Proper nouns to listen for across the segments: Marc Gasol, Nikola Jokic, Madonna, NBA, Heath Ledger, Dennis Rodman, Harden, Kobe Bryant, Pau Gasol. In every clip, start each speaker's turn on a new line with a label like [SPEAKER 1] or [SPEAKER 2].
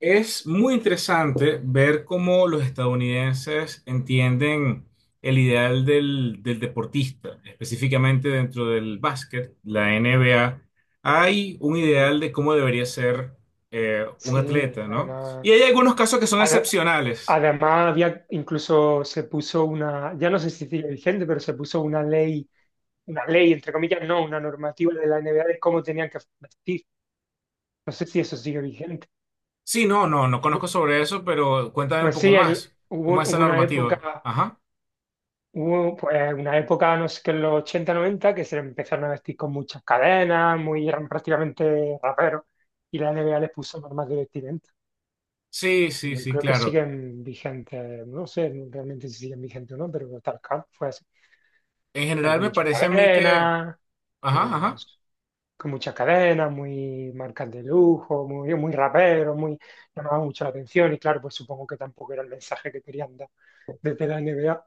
[SPEAKER 1] Es muy interesante ver cómo los estadounidenses entienden el ideal del deportista, específicamente dentro del básquet, la NBA. Hay un
[SPEAKER 2] Sí,
[SPEAKER 1] ideal de cómo debería ser un
[SPEAKER 2] sí,
[SPEAKER 1] atleta, ¿no?
[SPEAKER 2] además,
[SPEAKER 1] Y hay algunos casos que son
[SPEAKER 2] ade-
[SPEAKER 1] excepcionales.
[SPEAKER 2] además había incluso se puso una, ya no sé si sigue vigente, pero se puso una ley, entre comillas, no, una normativa de la NBA de cómo tenían que vestir. No sé si eso sigue vigente.
[SPEAKER 1] Sí, no, no, no conozco sobre eso, pero cuéntame un
[SPEAKER 2] Pues
[SPEAKER 1] poco
[SPEAKER 2] sí,
[SPEAKER 1] más.
[SPEAKER 2] hubo,
[SPEAKER 1] ¿Cómo es esa
[SPEAKER 2] hubo una
[SPEAKER 1] normativa?
[SPEAKER 2] época,
[SPEAKER 1] Ajá.
[SPEAKER 2] hubo pues una época, no sé qué, en los 80, 90, que se empezaron a vestir con muchas cadenas, muy, eran prácticamente raperos, y la NBA les puso normas de vestir.
[SPEAKER 1] Sí, sí,
[SPEAKER 2] Yo
[SPEAKER 1] sí,
[SPEAKER 2] creo que
[SPEAKER 1] claro.
[SPEAKER 2] siguen vigentes, no sé realmente si siguen vigentes o no, pero Talcam fue así.
[SPEAKER 1] En
[SPEAKER 2] Eran
[SPEAKER 1] general
[SPEAKER 2] con
[SPEAKER 1] me
[SPEAKER 2] muchas
[SPEAKER 1] parece a mí que...
[SPEAKER 2] cadenas,
[SPEAKER 1] Ajá, ajá.
[SPEAKER 2] entonces, con muchas cadenas, muy marcas de lujo, muy, muy raperos, muy, llamaban mucho la atención y claro, pues supongo que tampoco era el mensaje que querían dar desde la NBA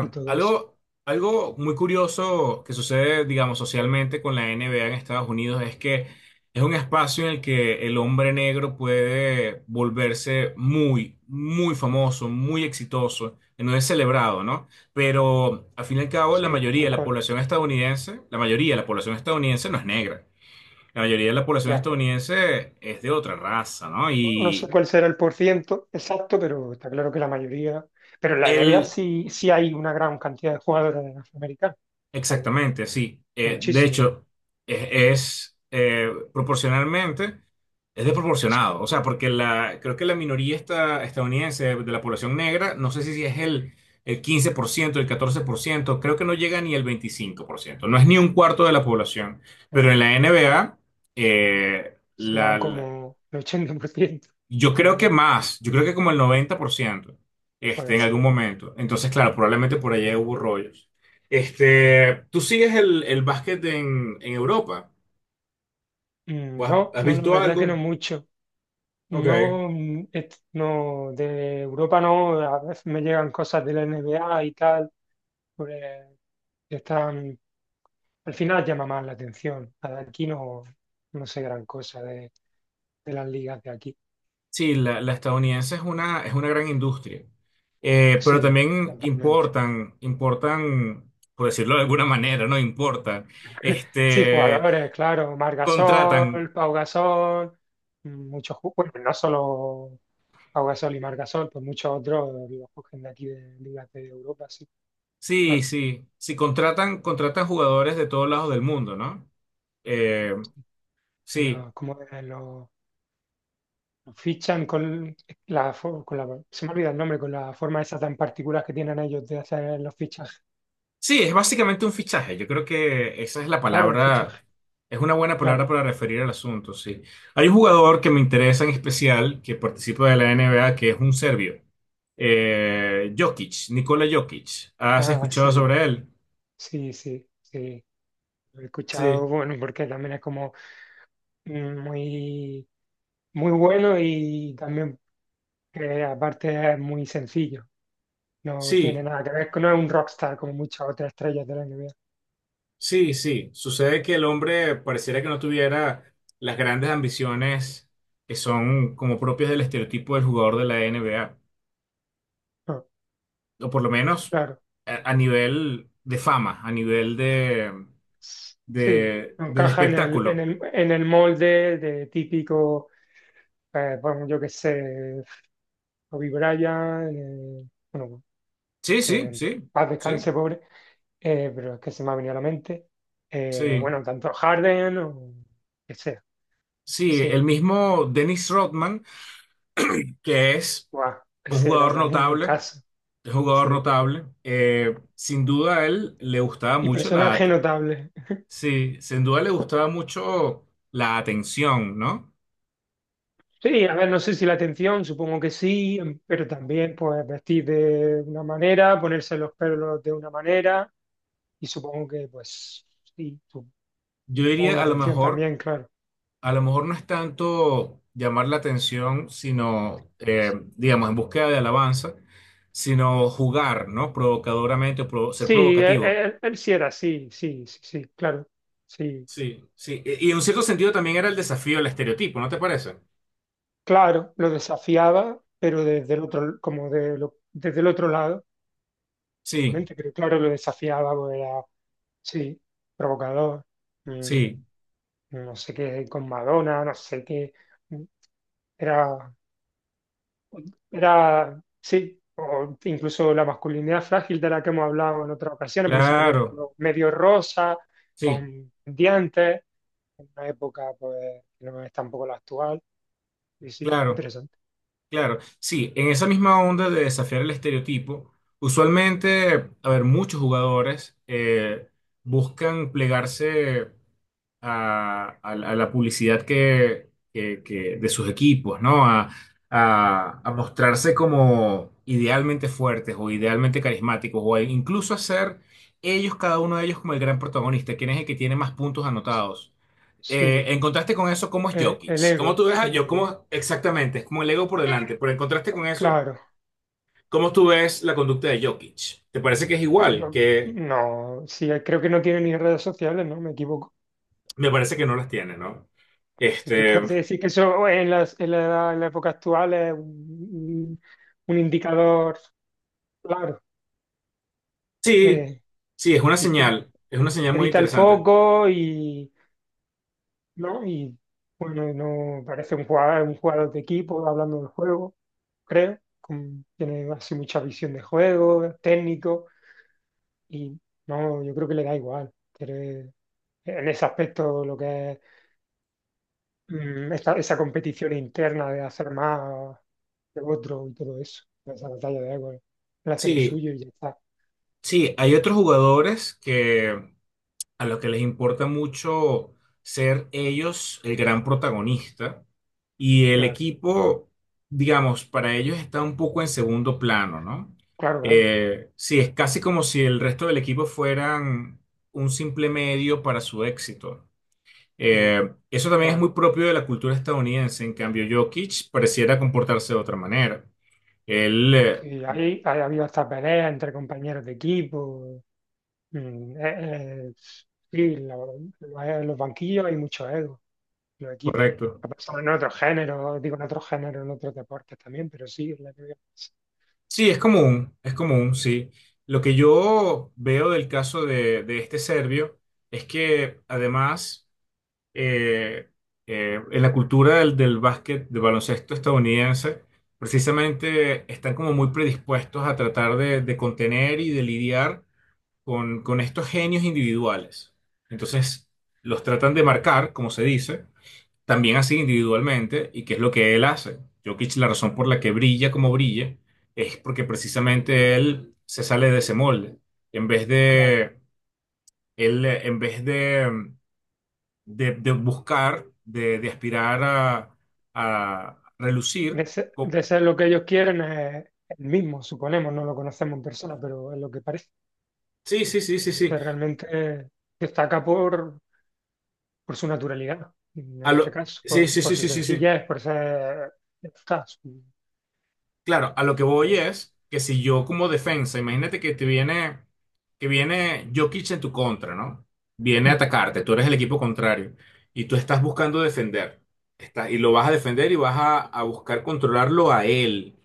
[SPEAKER 2] y todo eso.
[SPEAKER 1] algo muy curioso que sucede, digamos, socialmente con la NBA en Estados Unidos es que es un espacio en el que el hombre negro puede volverse muy, muy famoso, muy exitoso, que no es celebrado, ¿no? Pero al fin y al cabo, la
[SPEAKER 2] Sí,
[SPEAKER 1] mayoría
[SPEAKER 2] tal
[SPEAKER 1] de la
[SPEAKER 2] cual,
[SPEAKER 1] población estadounidense, la mayoría de la población estadounidense no es negra. La mayoría de la población
[SPEAKER 2] ya.
[SPEAKER 1] estadounidense es de otra raza, ¿no?
[SPEAKER 2] No sé
[SPEAKER 1] Y
[SPEAKER 2] cuál será el porciento exacto, pero está claro que la mayoría, pero en la NBA
[SPEAKER 1] el
[SPEAKER 2] sí, sí hay una gran cantidad de jugadores afroamericanos, o
[SPEAKER 1] Exactamente, sí. De
[SPEAKER 2] muchísimos.
[SPEAKER 1] hecho, proporcionalmente, es
[SPEAKER 2] Sí.
[SPEAKER 1] desproporcionado. O sea, porque la, creo que la minoría estadounidense de la población negra, no sé si es el 15%, el 14%, creo que no llega ni el 25%. No es ni un cuarto de la población. Pero en
[SPEAKER 2] Ajá.
[SPEAKER 1] la NBA,
[SPEAKER 2] Serán como el 80% de
[SPEAKER 1] yo creo que
[SPEAKER 2] jugador.
[SPEAKER 1] más, yo creo que como el 90%
[SPEAKER 2] Puede
[SPEAKER 1] en
[SPEAKER 2] ser,
[SPEAKER 1] algún momento. Entonces, claro, probablemente por allá hubo rollos.
[SPEAKER 2] claro.
[SPEAKER 1] ¿Tú sigues el básquet en Europa? ¿O has,
[SPEAKER 2] No,
[SPEAKER 1] has
[SPEAKER 2] no, no, la
[SPEAKER 1] visto
[SPEAKER 2] verdad que no
[SPEAKER 1] algo?
[SPEAKER 2] mucho.
[SPEAKER 1] Ok.
[SPEAKER 2] No, no, de Europa no, a veces me llegan cosas de la NBA y tal, pues, que están, al final llama más la atención. La de aquí no, no sé gran cosa de las ligas de aquí.
[SPEAKER 1] Sí, la estadounidense es una gran industria. Pero
[SPEAKER 2] Sí,
[SPEAKER 1] también
[SPEAKER 2] totalmente.
[SPEAKER 1] importan, por decirlo de alguna manera, ¿no? Importan.
[SPEAKER 2] Sí,
[SPEAKER 1] Este,
[SPEAKER 2] jugadores, claro, Marc
[SPEAKER 1] contratan,
[SPEAKER 2] Gasol, Pau Gasol, muchos, bueno, no solo Pau Gasol y Marc Gasol, pues muchos otros los cogen de aquí de ligas de Europa, sí.
[SPEAKER 1] sí,
[SPEAKER 2] Claro.
[SPEAKER 1] sí, sí, contratan jugadores de todos lados del mundo, ¿no? Sí,
[SPEAKER 2] Como lo fichan con con la, se me olvida el nombre, con la forma esa tan particular que tienen ellos de hacer los fichajes.
[SPEAKER 1] sí, es básicamente un fichaje. Yo creo que esa es la
[SPEAKER 2] Claro, un
[SPEAKER 1] palabra,
[SPEAKER 2] fichaje,
[SPEAKER 1] es una buena palabra
[SPEAKER 2] claro.
[SPEAKER 1] para referir al asunto, sí. Hay un jugador que me interesa en especial, que participa de la NBA, que es un serbio. Jokic, Nikola Jokic. ¿Has
[SPEAKER 2] Ah,
[SPEAKER 1] escuchado
[SPEAKER 2] sí,
[SPEAKER 1] sobre él?
[SPEAKER 2] sí, sí, sí. Lo he
[SPEAKER 1] Sí.
[SPEAKER 2] escuchado, bueno, porque también es como muy, muy bueno y también que aparte es muy sencillo. No tiene
[SPEAKER 1] Sí,
[SPEAKER 2] nada que ver, no es un rockstar como muchas otras estrellas de la NBA.
[SPEAKER 1] sí, sí. Sucede que el hombre pareciera que no tuviera las grandes ambiciones que son como propias del estereotipo del jugador de la NBA.
[SPEAKER 2] No,
[SPEAKER 1] O por lo menos
[SPEAKER 2] claro.
[SPEAKER 1] a nivel de fama,
[SPEAKER 2] Sí,
[SPEAKER 1] de,
[SPEAKER 2] no
[SPEAKER 1] del
[SPEAKER 2] encaja en el, en
[SPEAKER 1] espectáculo.
[SPEAKER 2] el, en el molde de típico, bueno, yo qué sé, Kobe Bryant, bueno,
[SPEAKER 1] Sí,
[SPEAKER 2] que
[SPEAKER 1] sí,
[SPEAKER 2] en
[SPEAKER 1] sí,
[SPEAKER 2] paz
[SPEAKER 1] sí,
[SPEAKER 2] descanse, pobre, pero es que se me ha venido a la mente.
[SPEAKER 1] sí.
[SPEAKER 2] Bueno, tanto Harden o que sea,
[SPEAKER 1] Sí,
[SPEAKER 2] sí.
[SPEAKER 1] el mismo Dennis Rodman, que es
[SPEAKER 2] Guau,
[SPEAKER 1] un
[SPEAKER 2] ese era
[SPEAKER 1] jugador
[SPEAKER 2] también un
[SPEAKER 1] notable,
[SPEAKER 2] caso,
[SPEAKER 1] es un jugador
[SPEAKER 2] sí.
[SPEAKER 1] notable. Eh, sin duda a él le gustaba
[SPEAKER 2] Y
[SPEAKER 1] mucho la,
[SPEAKER 2] personaje
[SPEAKER 1] at-
[SPEAKER 2] notable.
[SPEAKER 1] Sí, sin duda le gustaba mucho la atención, ¿no?
[SPEAKER 2] Sí, a ver, no sé si la atención, supongo que sí, pero también pues vestir de una manera, ponerse los pelos de una manera, y supongo que pues sí, supongo
[SPEAKER 1] Yo diría
[SPEAKER 2] la
[SPEAKER 1] a lo
[SPEAKER 2] atención
[SPEAKER 1] mejor
[SPEAKER 2] también, claro.
[SPEAKER 1] no es tanto llamar la atención, sino, digamos, en búsqueda de alabanza, sino jugar, ¿no? Provocadoramente, o ser
[SPEAKER 2] Sí, él,
[SPEAKER 1] provocativo.
[SPEAKER 2] él sí era así, sí, sí, sí, claro, sí,
[SPEAKER 1] Sí, sí. Y en un cierto sentido también era el desafío, el estereotipo, ¿no te parece?
[SPEAKER 2] claro, lo desafiaba, pero desde el otro, desde el otro lado.
[SPEAKER 1] Sí,
[SPEAKER 2] Realmente, pero claro, lo desafiábamos, era, sí, provocador, mm,
[SPEAKER 1] sí,
[SPEAKER 2] no sé qué, con Madonna, no sé qué, mm, era, era, sí, o incluso la masculinidad frágil de la que hemos hablado en otras ocasiones, porque se ponía el
[SPEAKER 1] claro,
[SPEAKER 2] pelo medio rosa,
[SPEAKER 1] sí,
[SPEAKER 2] con dientes, en una época pues que no es tampoco la actual, y sí,
[SPEAKER 1] claro,
[SPEAKER 2] interesante.
[SPEAKER 1] claro. Sí, en esa misma onda de desafiar el estereotipo, usualmente, a ver, muchos jugadores buscan plegarse. A la publicidad de sus equipos, ¿no? A, a mostrarse como idealmente fuertes o idealmente carismáticos o a incluso a ser ellos, cada uno de ellos, como el gran protagonista, quién es el que tiene más puntos anotados.
[SPEAKER 2] Sí,
[SPEAKER 1] En contraste con eso, ¿cómo es Jokic? ¿Cómo tú ves a
[SPEAKER 2] el
[SPEAKER 1] Jokic?
[SPEAKER 2] ego,
[SPEAKER 1] Exactamente, es como el ego por delante, pero en contraste con eso,
[SPEAKER 2] claro.
[SPEAKER 1] ¿cómo tú ves la conducta de Jokic? ¿Te parece que es igual? Que
[SPEAKER 2] No, sí, creo que no tiene ni redes sociales, ¿no? Me equivoco.
[SPEAKER 1] me parece que no las tiene, ¿no?
[SPEAKER 2] Es que
[SPEAKER 1] Este,
[SPEAKER 2] hace decir que eso en en la época actual es un indicador claro.
[SPEAKER 1] Sí,
[SPEAKER 2] eh,
[SPEAKER 1] sí,
[SPEAKER 2] y
[SPEAKER 1] es una señal muy
[SPEAKER 2] evita el
[SPEAKER 1] interesante.
[SPEAKER 2] foco y, ¿no? Y bueno, no parece un jugador de equipo hablando del juego, creo. Tiene así mucha visión de juego, técnico, y no, yo creo que le da igual. En ese aspecto lo que es. Esa competición interna de hacer más que otro y todo eso, esa batalla de egos, él hace lo
[SPEAKER 1] Sí,
[SPEAKER 2] suyo y ya está,
[SPEAKER 1] sí, hay otros jugadores que a los que les importa mucho ser ellos el gran protagonista y el
[SPEAKER 2] claro,
[SPEAKER 1] equipo, digamos, para ellos está un poco en segundo plano, ¿no?
[SPEAKER 2] claro, claro,
[SPEAKER 1] Sí, es casi como si el resto del equipo fueran un simple medio para su éxito.
[SPEAKER 2] sí,
[SPEAKER 1] Eh, eso
[SPEAKER 2] lo
[SPEAKER 1] también es
[SPEAKER 2] cual,
[SPEAKER 1] muy propio de la cultura estadounidense, en cambio Jokic pareciera comportarse de otra manera. Él, eh,
[SPEAKER 2] sí, ahí ha habido hasta peleas entre compañeros de equipo, mm, eh, eh, sí, en los banquillos hay mucho ego, en los equipos,
[SPEAKER 1] Correcto.
[SPEAKER 2] ha pasado en otros géneros, digo en otros géneros, en otros deportes también, pero sí, en la que,
[SPEAKER 1] Sí, es común, sí. Lo que yo veo del caso de este serbio es que además eh, en la cultura del básquet, del baloncesto estadounidense, precisamente están como muy predispuestos a tratar de contener y de lidiar con estos genios individuales. Entonces, los tratan de marcar, como se dice, también así individualmente, y qué es lo que él hace. Jokic, la razón por la que brilla como brilla es porque precisamente él se sale de ese molde. En vez
[SPEAKER 2] claro.
[SPEAKER 1] de, él, en vez de buscar, de aspirar a relucir, co-
[SPEAKER 2] De ser lo que ellos quieren es el mismo, suponemos, no lo conocemos en persona, pero es lo que parece.
[SPEAKER 1] sí, sí, sí, sí, sí,
[SPEAKER 2] Entonces, realmente destaca por su naturalidad, en este caso,
[SPEAKER 1] sí, sí,
[SPEAKER 2] por
[SPEAKER 1] sí,
[SPEAKER 2] su
[SPEAKER 1] sí, sí, sí.
[SPEAKER 2] sencillez, por ser... ya está,
[SPEAKER 1] Claro, a lo que voy
[SPEAKER 2] por-
[SPEAKER 1] es que si yo como defensa, imagínate que viene Jokic en tu contra, ¿no? Viene a
[SPEAKER 2] Mm.
[SPEAKER 1] atacarte, tú eres el equipo contrario y tú estás buscando defender, y lo vas a defender y vas a buscar controlarlo a él,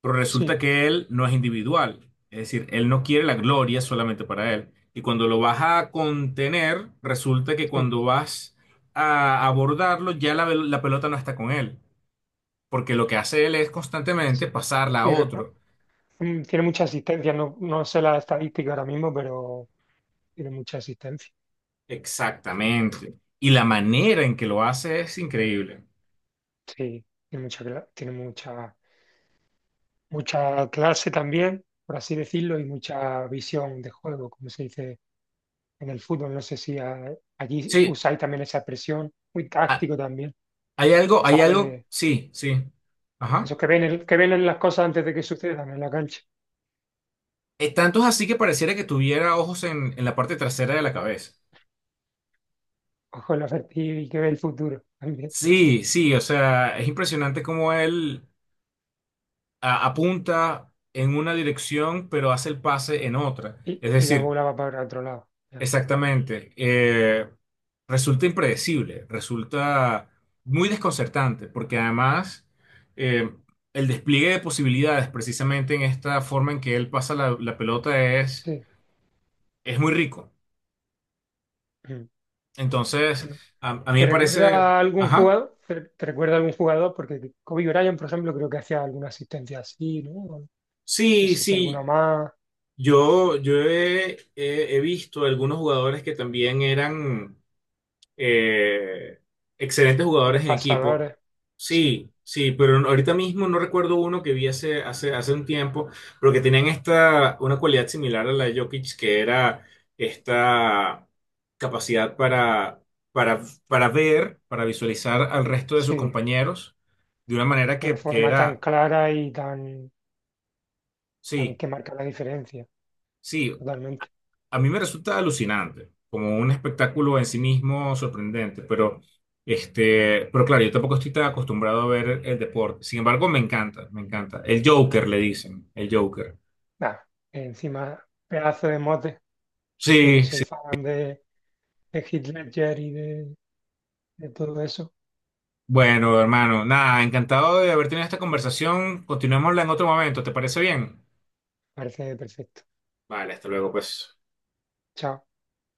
[SPEAKER 1] pero resulta
[SPEAKER 2] Sí,
[SPEAKER 1] que él no es individual, es decir, él no quiere la gloria solamente para él. Y cuando lo vas a contener, resulta que
[SPEAKER 2] sí,
[SPEAKER 1] cuando vas a abordarlo, ya la pelota no está con él, porque lo que hace él es constantemente pasarla a
[SPEAKER 2] sí,
[SPEAKER 1] otro.
[SPEAKER 2] tiene mucha asistencia, no, no sé la estadística ahora mismo, pero tiene mucha asistencia,
[SPEAKER 1] Exactamente. Y la manera en que lo hace es increíble.
[SPEAKER 2] sí, tiene mucha, tiene mucha mucha clase también, por así decirlo, y mucha visión de juego, como se dice en el fútbol. No sé si allí
[SPEAKER 1] Sí,
[SPEAKER 2] usáis también esa expresión, muy
[SPEAKER 1] ha-
[SPEAKER 2] táctico también,
[SPEAKER 1] hay algo,
[SPEAKER 2] ¿sabes?
[SPEAKER 1] sí, sí. Ajá.
[SPEAKER 2] Esos que ven, que ven las cosas antes de que sucedan en la cancha.
[SPEAKER 1] Tanto es así que pareciera que tuviera ojos en la parte trasera de la cabeza.
[SPEAKER 2] Ojo, el asertivo y que ve el futuro también.
[SPEAKER 1] Sí, sí, o sea, es impresionante cómo él apunta en una dirección, pero hace el pase en otra.
[SPEAKER 2] Y la bola va para otro lado. Ya,
[SPEAKER 1] Exactamente. Resulta impredecible, resulta muy desconcertante, porque además eh, el despliegue de posibilidades, precisamente en esta forma en que él pasa la pelota, es,
[SPEAKER 2] sí.
[SPEAKER 1] es muy rico.
[SPEAKER 2] Mm.
[SPEAKER 1] Entonces,
[SPEAKER 2] Bueno,
[SPEAKER 1] a mí
[SPEAKER 2] ¿te
[SPEAKER 1] me parece,
[SPEAKER 2] recuerda a algún
[SPEAKER 1] ajá,
[SPEAKER 2] jugador? ¿Te, te recuerda a algún jugador? Porque Kobe Bryant, por ejemplo, creo que hacía alguna asistencia así, ¿no? No
[SPEAKER 1] sí,
[SPEAKER 2] sé si alguna
[SPEAKER 1] sí,
[SPEAKER 2] más.
[SPEAKER 1] yo he visto algunos jugadores que también eran eh, excelentes
[SPEAKER 2] Grandes
[SPEAKER 1] jugadores en equipo.
[SPEAKER 2] pasadores. Sí,
[SPEAKER 1] Sí, sí, pero ahorita mismo no recuerdo uno que vi hace un tiempo, pero que tenían una cualidad similar a la de Jokic, que era esta capacidad para, para ver, para visualizar al resto de
[SPEAKER 2] sí,
[SPEAKER 1] sus
[SPEAKER 2] de
[SPEAKER 1] compañeros de una manera
[SPEAKER 2] una
[SPEAKER 1] que
[SPEAKER 2] forma tan
[SPEAKER 1] era,
[SPEAKER 2] clara y tan, tan
[SPEAKER 1] sí,
[SPEAKER 2] que marca la diferencia,
[SPEAKER 1] sí,
[SPEAKER 2] totalmente.
[SPEAKER 1] a mí me resulta alucinante, como un espectáculo en sí mismo sorprendente, pero claro, yo tampoco estoy tan acostumbrado a ver el deporte. Sin embargo, me encanta, me encanta. El Joker, le dicen, el Joker.
[SPEAKER 2] Nada, encima, pedazo de mote. Yo que
[SPEAKER 1] Sí,
[SPEAKER 2] soy
[SPEAKER 1] sí.
[SPEAKER 2] fan de Heath Ledger y de todo eso,
[SPEAKER 1] Bueno, hermano, nada, encantado de haber tenido esta conversación. Continuémosla en otro momento, ¿te parece bien?
[SPEAKER 2] parece perfecto.
[SPEAKER 1] Vale, hasta luego, pues.
[SPEAKER 2] Chao.